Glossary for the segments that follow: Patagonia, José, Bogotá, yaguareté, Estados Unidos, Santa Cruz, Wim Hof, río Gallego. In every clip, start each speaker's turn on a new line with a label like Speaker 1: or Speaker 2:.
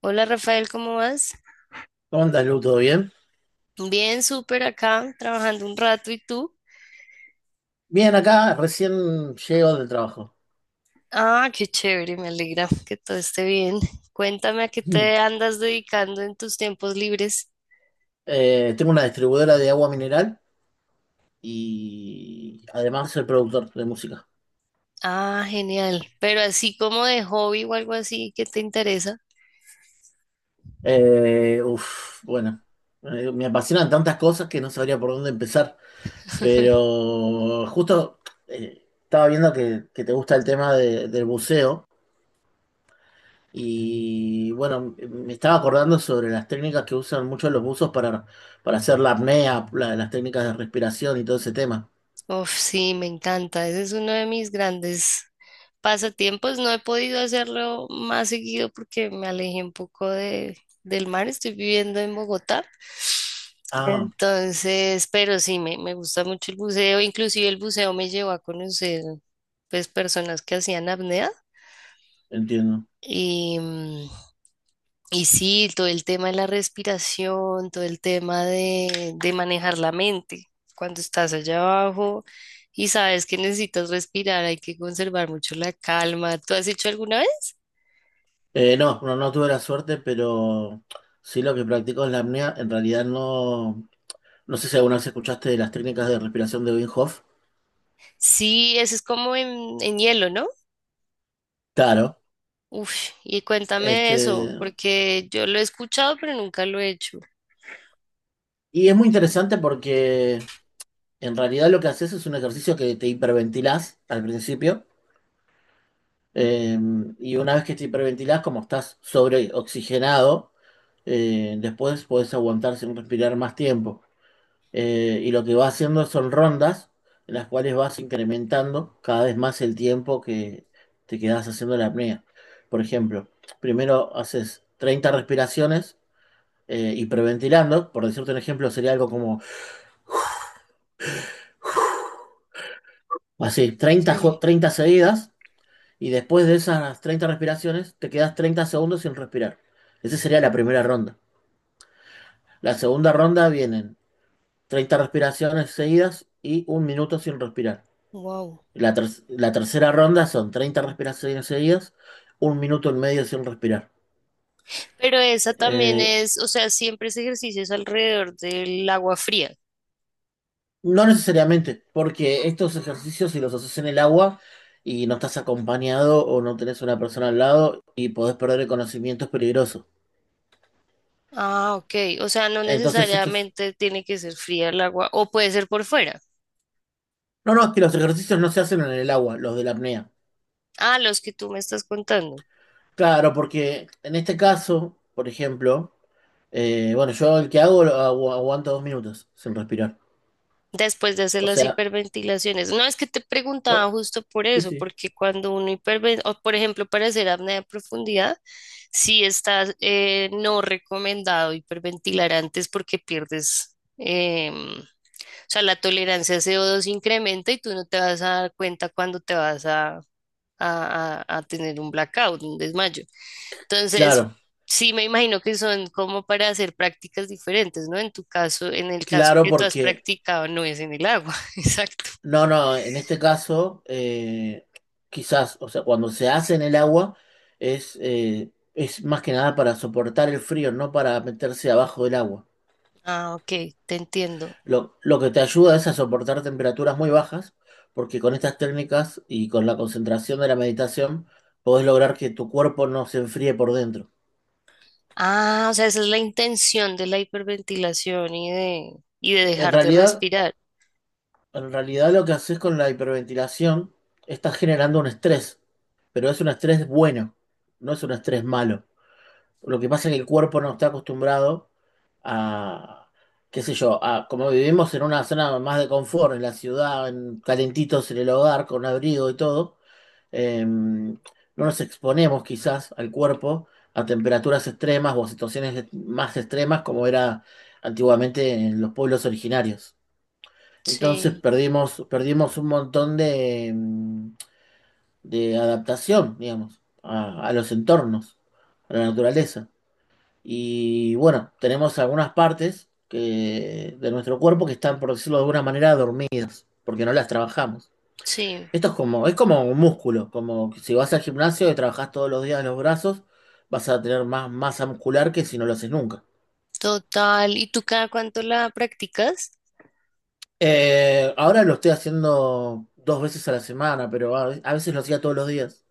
Speaker 1: Hola Rafael, ¿cómo vas?
Speaker 2: ¿Cómo andas, Lu? ¿Todo bien?
Speaker 1: Bien, súper acá, trabajando un rato. ¿Y tú?
Speaker 2: Bien, acá recién llego del trabajo.
Speaker 1: Ah, qué chévere, me alegra que todo esté bien. Cuéntame a qué te andas dedicando en tus tiempos libres.
Speaker 2: Tengo una distribuidora de agua mineral y además soy productor de música.
Speaker 1: Ah, genial. Pero así como de hobby o algo así, ¿qué te interesa?
Speaker 2: Uf, bueno, me apasionan tantas cosas que no sabría por dónde empezar, pero justo estaba viendo que te gusta el tema del buceo y bueno, me estaba acordando sobre las técnicas que usan muchos los buzos para hacer la apnea, las técnicas de respiración y todo ese tema.
Speaker 1: Uf, sí, me encanta. Ese es uno de mis grandes pasatiempos. No he podido hacerlo más seguido porque me alejé un poco del mar, estoy viviendo en Bogotá.
Speaker 2: Ah,
Speaker 1: Entonces, pero sí, me gusta mucho el buceo, inclusive el buceo me llevó a conocer pues personas que hacían apnea
Speaker 2: entiendo.
Speaker 1: y, y sí, todo el tema de la respiración, todo el tema de manejar la mente. Cuando estás allá abajo y sabes que necesitas respirar, hay que conservar mucho la calma. ¿Tú has hecho alguna vez?
Speaker 2: No, no, no tuve la suerte, pero sí lo que practico es la apnea. En realidad no, no sé si alguna vez escuchaste de las técnicas de respiración de Wim Hof.
Speaker 1: Sí, eso es como en hielo, ¿no?
Speaker 2: Claro.
Speaker 1: Uf, y cuéntame
Speaker 2: Este,
Speaker 1: de eso, porque yo lo he escuchado, pero nunca lo he hecho.
Speaker 2: y es muy interesante porque en realidad lo que haces es un ejercicio que te hiperventilás al principio. eh, y una vez que te hiperventilás, como estás sobreoxigenado, después podés aguantar sin respirar más tiempo. Y lo que va haciendo son rondas en las cuales vas incrementando cada vez más el tiempo que te quedas haciendo la apnea. Por ejemplo, primero haces 30 respiraciones hiperventilando, por decirte un ejemplo, sería algo como así, 30,
Speaker 1: Sí,
Speaker 2: 30 seguidas, y después de esas 30 respiraciones te quedas 30 segundos sin respirar. Esa sería la primera ronda. La segunda ronda vienen 30 respiraciones seguidas y un minuto sin respirar.
Speaker 1: wow.
Speaker 2: La tercera ronda son 30 respiraciones seguidas, un minuto en medio sin respirar.
Speaker 1: Pero esa también
Speaker 2: Eh,
Speaker 1: es, o sea, siempre ese ejercicio es alrededor del agua fría.
Speaker 2: no necesariamente, porque estos ejercicios si los haces en el agua y no estás acompañado o no tenés una persona al lado y podés perder el conocimiento es peligroso.
Speaker 1: Ah, ok. O sea, no
Speaker 2: Entonces estos.
Speaker 1: necesariamente tiene que ser fría el agua, o puede ser por fuera.
Speaker 2: No, no, es que los ejercicios no se hacen en el agua, los de la apnea.
Speaker 1: Ah, los que tú me estás contando,
Speaker 2: Claro, porque en este caso, por ejemplo, bueno, yo el que hago lo aguanto 2 minutos sin respirar.
Speaker 1: después de hacer
Speaker 2: O
Speaker 1: las
Speaker 2: sea,
Speaker 1: hiperventilaciones. No es que te preguntaba justo por
Speaker 2: sí,
Speaker 1: eso,
Speaker 2: sí.
Speaker 1: porque cuando uno hiperventila, o por ejemplo, para hacer apnea de profundidad, sí está no recomendado hiperventilar antes porque pierdes, o sea, la tolerancia a CO2 incrementa y tú no te vas a dar cuenta cuando te vas a a tener un blackout, un desmayo. Entonces,
Speaker 2: Claro,
Speaker 1: sí me imagino que son como para hacer prácticas diferentes, ¿no? En tu caso, en el caso
Speaker 2: claro,
Speaker 1: que tú has
Speaker 2: porque,
Speaker 1: practicado, no es en el agua, exacto.
Speaker 2: no, no, en este caso, quizás, o sea, cuando se hace en el agua, es más que nada para soportar el frío, no para meterse abajo del agua.
Speaker 1: Ah, ok, te entiendo.
Speaker 2: Lo que te ayuda es a soportar temperaturas muy bajas, porque con estas técnicas y con la concentración de la meditación, podés lograr que tu cuerpo no se enfríe por dentro.
Speaker 1: Ah, o sea, esa es la intención de la hiperventilación y de
Speaker 2: En
Speaker 1: dejar de
Speaker 2: realidad,
Speaker 1: respirar.
Speaker 2: en realidad, lo que haces con la hiperventilación, estás generando un estrés, pero es un estrés bueno, no es un estrés malo. Lo que pasa es que el cuerpo no está acostumbrado a, qué sé yo, a, como vivimos en una zona más de confort, en la ciudad, en- calentitos en el hogar, con abrigo y todo, no nos exponemos quizás al cuerpo a temperaturas extremas o a situaciones más extremas como era antiguamente en los pueblos originarios. Entonces
Speaker 1: Sí,
Speaker 2: perdimos un montón de adaptación, digamos, a los entornos, a la naturaleza. Y bueno, tenemos algunas partes que, de nuestro cuerpo que están, por decirlo de alguna manera, dormidas, porque no las trabajamos.
Speaker 1: sí,
Speaker 2: Esto es como un músculo, como si vas al gimnasio y trabajas todos los días los brazos, vas a tener más masa muscular que si no lo haces nunca.
Speaker 1: total. ¿Y tú cada cuánto la practicas?
Speaker 2: Ahora lo estoy haciendo dos veces a la semana, pero a veces lo hacía todos los días.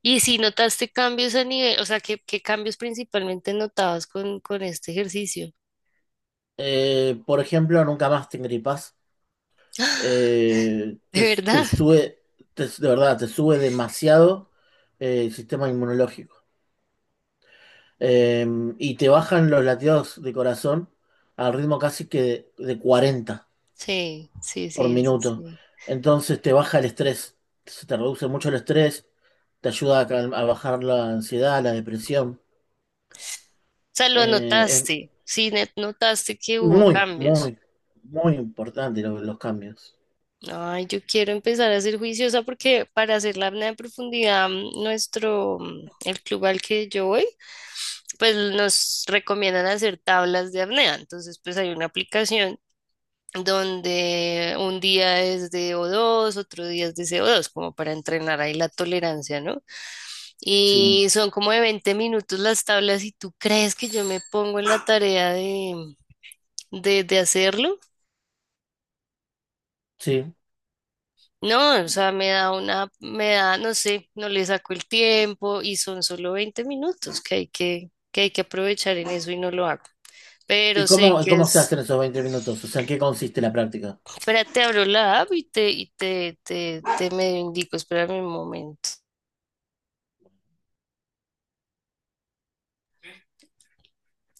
Speaker 1: Y si notaste cambios a nivel, o sea, qué cambios principalmente notabas con este ejercicio?
Speaker 2: Por ejemplo, nunca más te gripás. Te,
Speaker 1: ¿De
Speaker 2: tú
Speaker 1: verdad?
Speaker 2: sube, te- De verdad, te sube demasiado el sistema inmunológico. Eh, y te bajan los latidos de corazón al ritmo casi que de 40
Speaker 1: Sí, sí,
Speaker 2: por
Speaker 1: sí, eso
Speaker 2: minuto.
Speaker 1: sí.
Speaker 2: Entonces te baja el estrés, se te reduce mucho el estrés, te ayuda a bajar la ansiedad, la depresión.
Speaker 1: O sea, lo
Speaker 2: Es
Speaker 1: notaste, sí, notaste que hubo
Speaker 2: muy,
Speaker 1: cambios.
Speaker 2: muy, muy importante los cambios.
Speaker 1: Ay, yo quiero empezar a ser juiciosa porque para hacer la apnea de profundidad, el club al que yo voy, pues nos recomiendan hacer tablas de apnea. Entonces, pues hay una aplicación donde un día es de o dos, otro día es de co dos, como para entrenar ahí la tolerancia, ¿no?
Speaker 2: Sí,
Speaker 1: Y son como de 20 minutos las tablas y tú crees que yo me pongo en la tarea de hacerlo.
Speaker 2: sí.
Speaker 1: No, o sea, me da una, me da, no sé, no le saco el tiempo y son solo 20 minutos que hay que hay que aprovechar en eso y no lo hago.
Speaker 2: ¿Y
Speaker 1: Pero sé
Speaker 2: cómo,
Speaker 1: que
Speaker 2: cómo se
Speaker 1: es,
Speaker 2: hacen esos 20 minutos? O sea, ¿en qué consiste la práctica?
Speaker 1: espérate, abro la app y te medio indico, espérame un momento.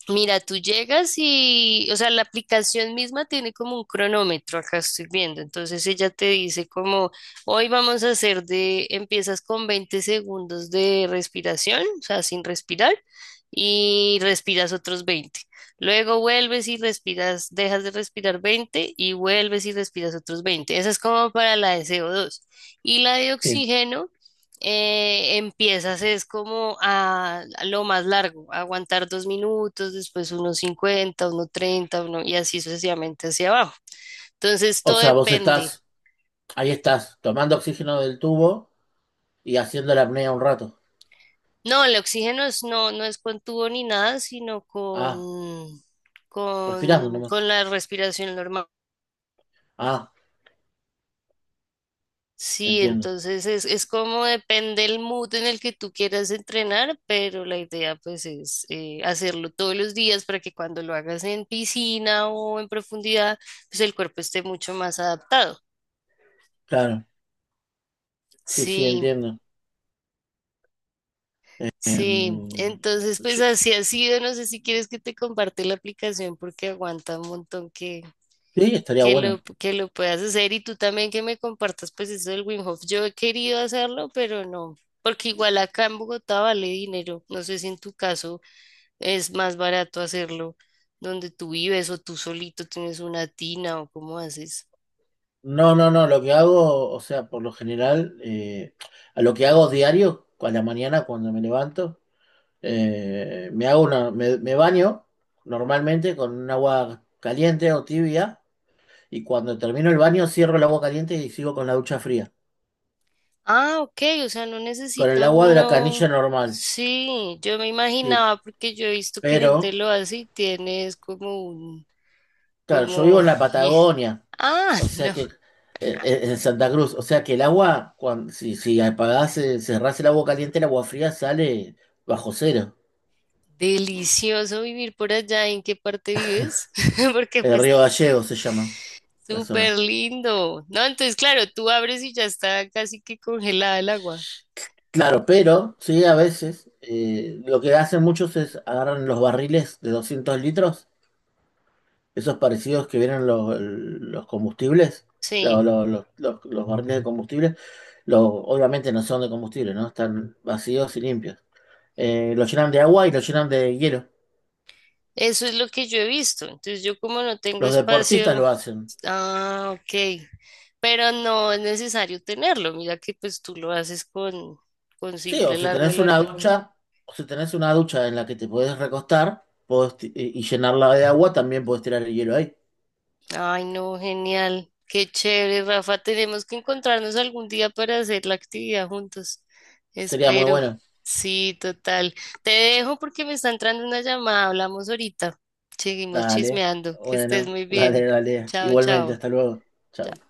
Speaker 1: Mira, tú llegas y, o sea, la aplicación misma tiene como un cronómetro, acá estoy viendo. Entonces ella te dice como, hoy vamos a hacer de, empiezas con 20 segundos de respiración, o sea, sin respirar, y respiras otros 20. Luego vuelves y respiras, dejas de respirar 20 y vuelves y respiras otros 20. Esa es como para la de co dos. Y la de
Speaker 2: Sí.
Speaker 1: oxígeno, empiezas es como a lo más largo, a aguantar dos minutos, después unos 50 uno 30 uno, y así sucesivamente hacia abajo. Entonces
Speaker 2: O
Speaker 1: todo
Speaker 2: sea, vos
Speaker 1: depende.
Speaker 2: estás, ahí estás, tomando oxígeno del tubo y haciendo la apnea un rato.
Speaker 1: No, el oxígeno no, no es con tubo ni nada, sino
Speaker 2: Ah, respirando nomás.
Speaker 1: con la respiración normal.
Speaker 2: Ah,
Speaker 1: Sí,
Speaker 2: entiendo.
Speaker 1: entonces es como depende el mood en el que tú quieras entrenar, pero la idea pues es hacerlo todos los días para que cuando lo hagas en piscina o en profundidad, pues el cuerpo esté mucho más adaptado.
Speaker 2: Claro, sí, sí,
Speaker 1: Sí,
Speaker 2: entiendo.
Speaker 1: sí,
Speaker 2: Em,
Speaker 1: entonces pues
Speaker 2: yo-
Speaker 1: así ha sido, no sé si quieres que te comparte la aplicación porque aguanta un montón
Speaker 2: sí, estaría bueno.
Speaker 1: que lo puedas hacer y tú también que me compartas pues eso del Wim Hof. Yo he querido hacerlo, pero no, porque igual acá en Bogotá vale dinero. No sé si en tu caso es más barato hacerlo donde tú vives o tú solito tienes una tina o cómo haces.
Speaker 2: No, no, no, lo que hago, o sea, por lo general, a lo que hago diario, a la mañana cuando me levanto, me hago una, me baño normalmente con un agua caliente o tibia y cuando termino el baño cierro el agua caliente y sigo con la ducha fría.
Speaker 1: Ah, ok, o sea, no
Speaker 2: Con el
Speaker 1: necesita
Speaker 2: agua de la canilla
Speaker 1: uno.
Speaker 2: normal.
Speaker 1: Sí, yo me
Speaker 2: Sí,
Speaker 1: imaginaba porque yo he visto que
Speaker 2: pero,
Speaker 1: gente lo hace y tienes como un,
Speaker 2: claro, yo vivo
Speaker 1: como,
Speaker 2: en la
Speaker 1: y-
Speaker 2: Patagonia,
Speaker 1: ah,
Speaker 2: o sea
Speaker 1: no.
Speaker 2: que, en Santa Cruz, o sea que el agua, cuando, si apagás, cerrás el agua caliente, el agua fría sale bajo cero.
Speaker 1: Delicioso vivir por allá. ¿En qué parte vives? Porque
Speaker 2: El
Speaker 1: pues
Speaker 2: río Gallego se llama la zona.
Speaker 1: súper lindo. No, entonces claro, tú abres y ya está casi que congelada el agua.
Speaker 2: Claro, pero sí, a veces lo que hacen muchos es agarran los barriles de 200 litros esos parecidos que vieron los combustibles, los,
Speaker 1: Sí,
Speaker 2: los, los- los- los barriles de combustible, los, obviamente no son de combustible, ¿no? Están vacíos y limpios. Los llenan de agua y los llenan de hielo.
Speaker 1: eso es lo que yo he visto. Entonces yo como no tengo
Speaker 2: Los deportistas lo
Speaker 1: espacio,
Speaker 2: hacen.
Speaker 1: ah, ok. Pero no es necesario tenerlo. Mira que pues tú lo haces con
Speaker 2: Sí,
Speaker 1: simple
Speaker 2: o
Speaker 1: el
Speaker 2: si
Speaker 1: agua de
Speaker 2: tenés
Speaker 1: la
Speaker 2: una
Speaker 1: canilla.
Speaker 2: ducha, en la que te podés recostar podés y llenarla de agua, también podés tirar el hielo ahí.
Speaker 1: Ay, no, genial. Qué chévere, Rafa. Tenemos que encontrarnos algún día para hacer la actividad juntos.
Speaker 2: Sería muy
Speaker 1: Espero.
Speaker 2: bueno.
Speaker 1: Sí, total. Te dejo porque me está entrando una llamada. Hablamos ahorita. Seguimos
Speaker 2: Dale,
Speaker 1: chismeando. Que estés
Speaker 2: bueno,
Speaker 1: muy
Speaker 2: dale,
Speaker 1: bien.
Speaker 2: dale.
Speaker 1: Chao,
Speaker 2: Igualmente,
Speaker 1: chao.
Speaker 2: hasta luego. Chao.